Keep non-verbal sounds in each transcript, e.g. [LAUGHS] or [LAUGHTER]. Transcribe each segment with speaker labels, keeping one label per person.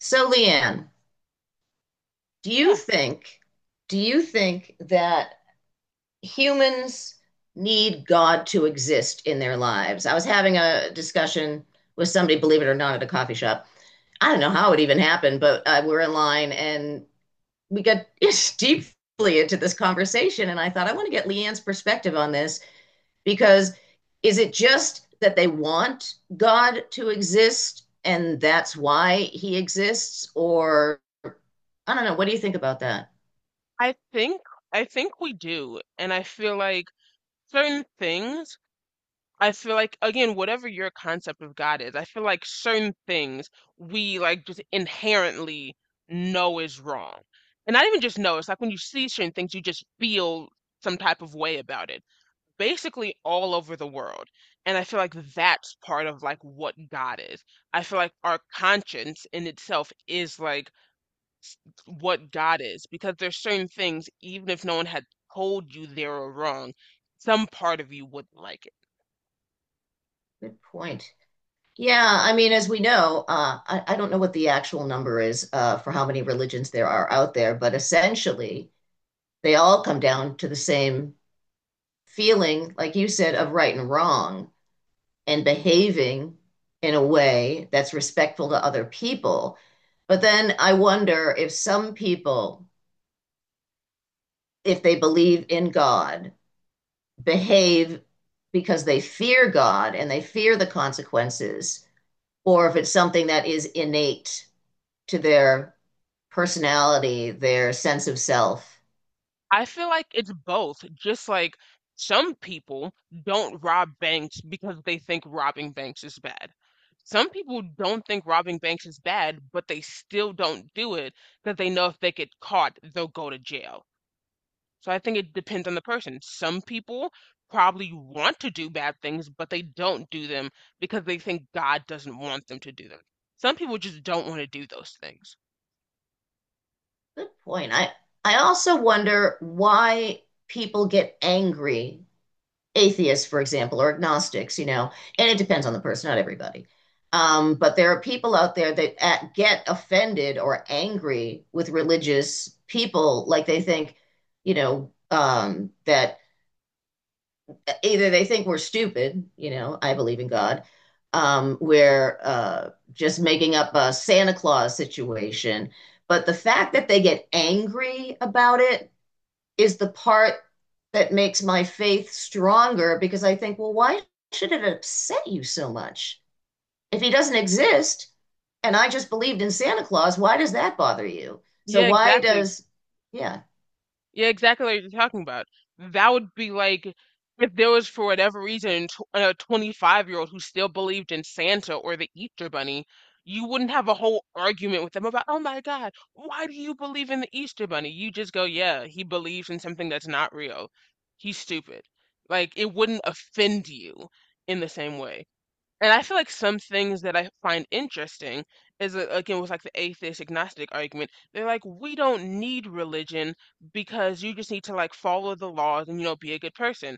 Speaker 1: So, Leanne, do you
Speaker 2: Yeah,
Speaker 1: think do you think that humans need God to exist in their lives? I was having a discussion with somebody, believe it or not, at a coffee shop. I don't know how it even happened, but we're in line and we got [LAUGHS] deeply into this conversation. And I thought, I want to get Leanne's perspective on this because is it just that they want God to exist and that's why he exists? Or I don't know. What do you think about that?
Speaker 2: I think I think we do. And I feel like certain things, I feel like again, whatever your concept of God is, I feel like certain things we just inherently know is wrong. And not even just know, it's like when you see certain things, you just feel some type of way about it. Basically all over the world. And I feel like that's part of like what God is. I feel like our conscience in itself is like s- what God is because there's certain things, even if no one had told you they were wrong, some part of you wouldn't like it.
Speaker 1: Good point. Yeah, I mean, as we know, I don't know what the actual number is for how many religions there are out there, but essentially they all come down to the same feeling, like you said, of right and wrong and behaving in a way that's respectful to other people. But then I wonder if some people, if they believe in God, behave because they fear God and they fear the consequences, or if it's something that is innate to their personality, their sense of self.
Speaker 2: I feel like it's both, just like some people don't rob banks because they think robbing banks is bad. Some people don't think robbing banks is bad, but they still don't do it because they know if they get caught, they'll go to jail. So I think it depends on the person. Some people probably want to do bad things, but they don't do them because they think God doesn't want them to do them. Some people just don't want to do those things.
Speaker 1: Good point. I also wonder why people get angry, atheists, for example, or agnostics, you know, and it depends on the person, not everybody. But there are people out there that get offended or angry with religious people, like they think, that either they think we're stupid, you know, I believe in God, we're just making up a Santa Claus situation. But the fact that they get angry about it is the part that makes my faith stronger because I think, well, why should it upset you so much? If he doesn't exist and I just believed in Santa Claus, why does that bother you?
Speaker 2: Yeah, exactly.
Speaker 1: Yeah,
Speaker 2: Yeah, exactly what you're talking about. That would be like if there was, for whatever reason, tw a 25-year-old who still believed in Santa or the Easter Bunny. You wouldn't have a whole argument with them about, oh my God, why do you believe in the Easter Bunny? You just go, yeah, he believes in something that's not real. He's stupid. Like, it wouldn't offend you in the same way. And I feel like some things that I find interesting is again with like the atheist agnostic argument. They're like, we don't need religion because you just need to like follow the laws and you know be a good person.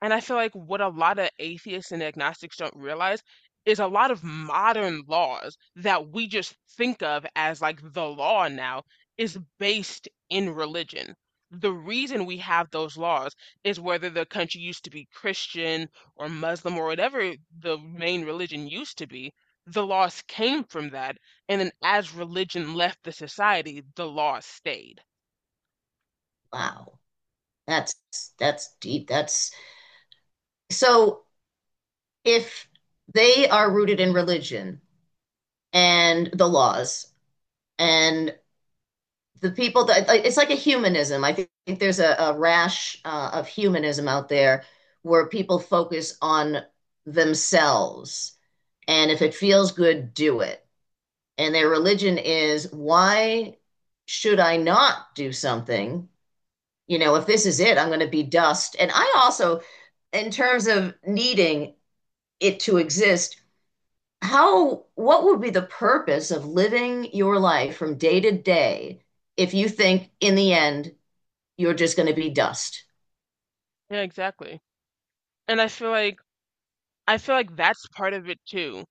Speaker 2: And I feel like what a lot of atheists and agnostics don't realize is a lot of modern laws that we just think of as like the law now is based in religion. The reason we have those laws is whether the country used to be Christian or Muslim or whatever the main religion used to be, the laws came from that. And then as religion left the society, the laws stayed.
Speaker 1: wow, that's that's deep. That's so if they are rooted in religion and the laws and the people that like, it's like a humanism. I think there's a rash of humanism out there where people focus on themselves. And if it feels good, do it. And their religion is why should I not do something? You know, if this is it, I'm going to be dust. And I also, in terms of needing it to exist, what would be the purpose of living your life from day to day if you think in the end you're just going to be dust?
Speaker 2: Yeah, exactly. And I feel like that's part of it too.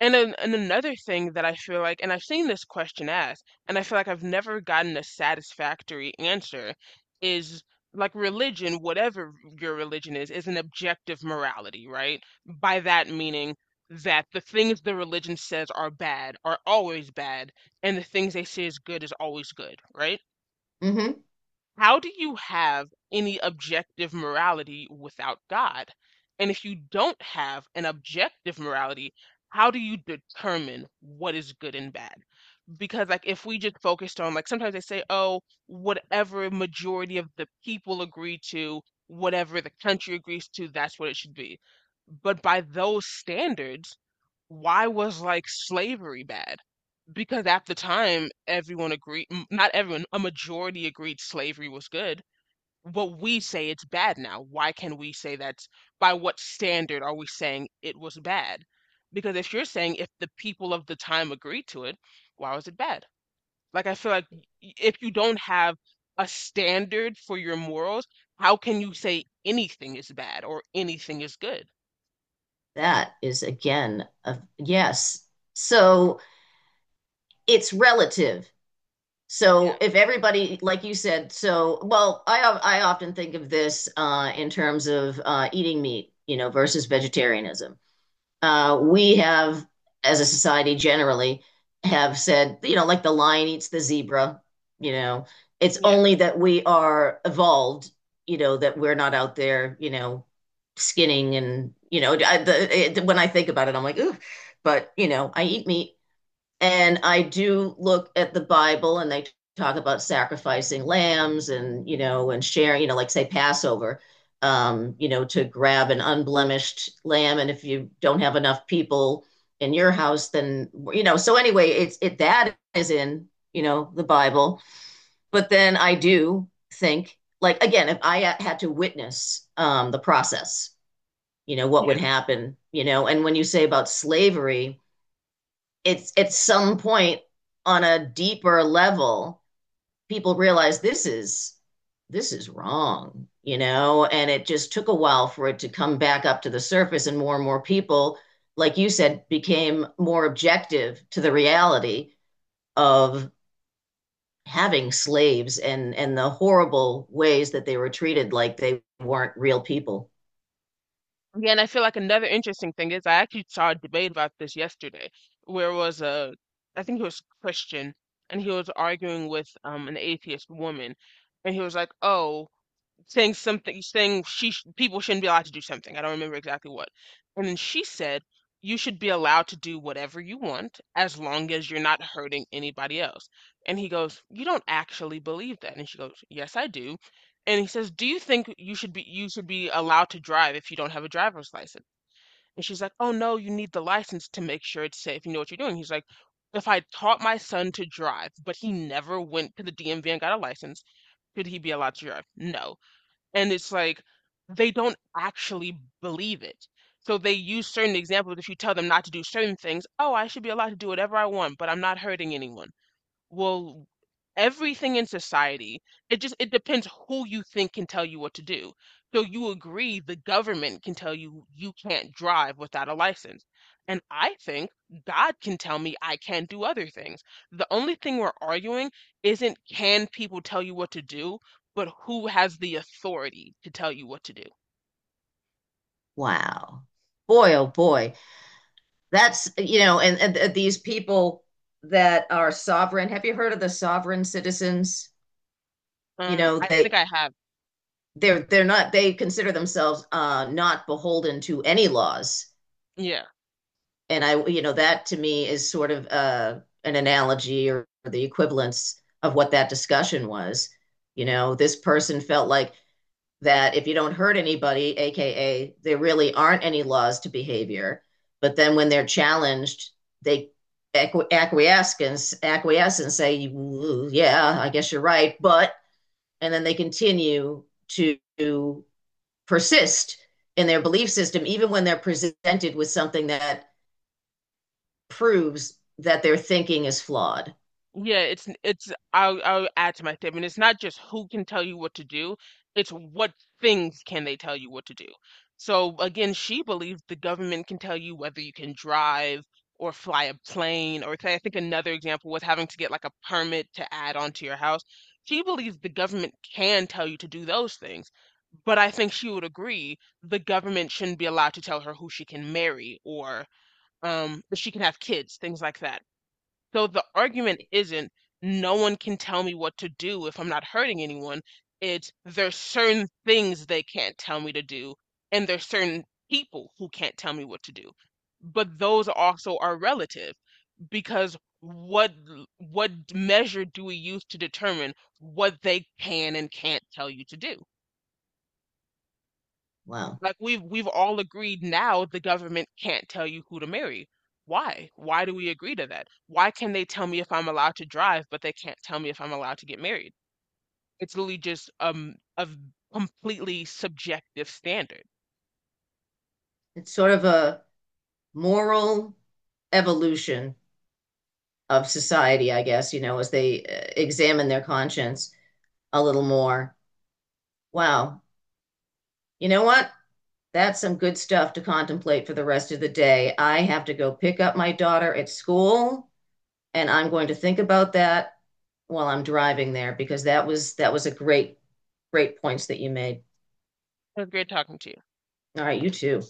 Speaker 2: And another thing that I feel like, and I've seen this question asked, and I feel like I've never gotten a satisfactory answer, is like religion, whatever your religion is an objective morality, right? By that meaning that the things the religion says are bad are always bad, and the things they say is good is always good, right?
Speaker 1: Hmm.
Speaker 2: How do you have any objective morality without God? And if you don't have an objective morality, how do you determine what is good and bad? Because like if we just focused on like sometimes they say, oh, whatever majority of the people agree to, whatever the country agrees to, that's what it should be. But by those standards, why was like slavery bad? Because at the time, everyone agreed, not everyone, a majority agreed slavery was good. What we say it's bad now. Why can we say that's by what standard are we saying it was bad? Because if you're saying if the people of the time agreed to it, why was it bad? Like I feel like if you don't have a standard for your morals, how can you say anything is bad or anything is good?
Speaker 1: That is again a yes. So it's relative.
Speaker 2: Yeah,
Speaker 1: So if everybody, like you said, so well, I often think of this in terms of eating meat, you know, versus vegetarianism. We have, as a society generally, have said, you know, like the lion eats the zebra, you know, it's only that we are evolved, you know, that we're not out there, you know, skinning and, you know, when I think about it, I'm like, ooh, but, you know, I eat meat. And I do look at the Bible and they talk about sacrificing lambs and, you know, and sharing, you know, like say Passover, you know, to grab an unblemished lamb. And if you don't have enough people in your house, then, you know, so anyway, it's it that is in, you know, the Bible. But then I do think, like, again, if I had to witness the process, you know, what
Speaker 2: yeah.
Speaker 1: would happen, you know, and when you say about slavery, it's at some point on a deeper level, people realize this is wrong, you know, and it just took a while for it to come back up to the surface and more people, like you said, became more objective to the reality of having slaves and the horrible ways that they were treated like they weren't real people.
Speaker 2: Yeah, and I feel like another interesting thing is I actually saw a debate about this yesterday, where it was a, I think he was Christian, and he was arguing with an atheist woman, and he was like, "Oh, saying something, saying she sh people shouldn't be allowed to do something. I don't remember exactly what." And then she said, "You should be allowed to do whatever you want as long as you're not hurting anybody else." And he goes, "You don't actually believe that." And she goes, "Yes, I do." And he says, "Do you think you should be allowed to drive if you don't have a driver's license?" And she's like, "Oh no, you need the license to make sure it's safe. You know what you're doing." He's like, "If I taught my son to drive, but he never went to the DMV and got a license, should he be allowed to drive? No." And it's like they don't actually believe it. So they use certain examples. If you tell them not to do certain things, oh, I should be allowed to do whatever I want, but I'm not hurting anyone. Well, everything in society, it just it depends who you think can tell you what to do. So you agree the government can tell you you can't drive without a license. And I think God can tell me I can't do other things. The only thing we're arguing isn't can people tell you what to do, but who has the authority to tell you what to do.
Speaker 1: Wow. Boy, oh boy. That's, you know, these people that are sovereign. Have you heard of the sovereign citizens? You know,
Speaker 2: I think
Speaker 1: they
Speaker 2: I have,
Speaker 1: they're they're not they consider themselves not beholden to any laws.
Speaker 2: yeah.
Speaker 1: And I, you know, that to me is sort of an analogy or the equivalence of what that discussion was. You know, this person felt like that if you don't hurt anybody, AKA, there really aren't any laws to behavior. But then when they're challenged, they acquiesce and say, yeah, I guess you're right. But, and then they continue to persist in their belief system, even when they're presented with something that proves that their thinking is flawed.
Speaker 2: Yeah, it's n- it's I'll add to my statement. It's not just who can tell you what to do, it's what things can they tell you what to do. So again, she believes the government can tell you whether you can drive or fly a plane or say I think another example was having to get like a permit to add onto your house. She believes the government can tell you to do those things. But I think she would agree the government shouldn't be allowed to tell her who she can marry or if she can have kids, things like that. So the argument isn't no one can tell me what to do if I'm not hurting anyone. It's there's certain things they can't tell me to do, and there's certain people who can't tell me what to do. But those also are relative because what measure do we use to determine what they can and can't tell you to do?
Speaker 1: Wow.
Speaker 2: Like we've all agreed now the government can't tell you who to marry. Why? Why do we agree to that? Why can they tell me if I'm allowed to drive, but they can't tell me if I'm allowed to get married? It's literally just completely subjective standard.
Speaker 1: It's sort of a moral evolution of society, I guess, you know, as they examine their conscience a little more. Wow. You know what? That's some good stuff to contemplate for the rest of the day. I have to go pick up my daughter at school, and I'm going to think about that while I'm driving there because that was a great points that you made.
Speaker 2: It was great talking to you.
Speaker 1: All right, you too.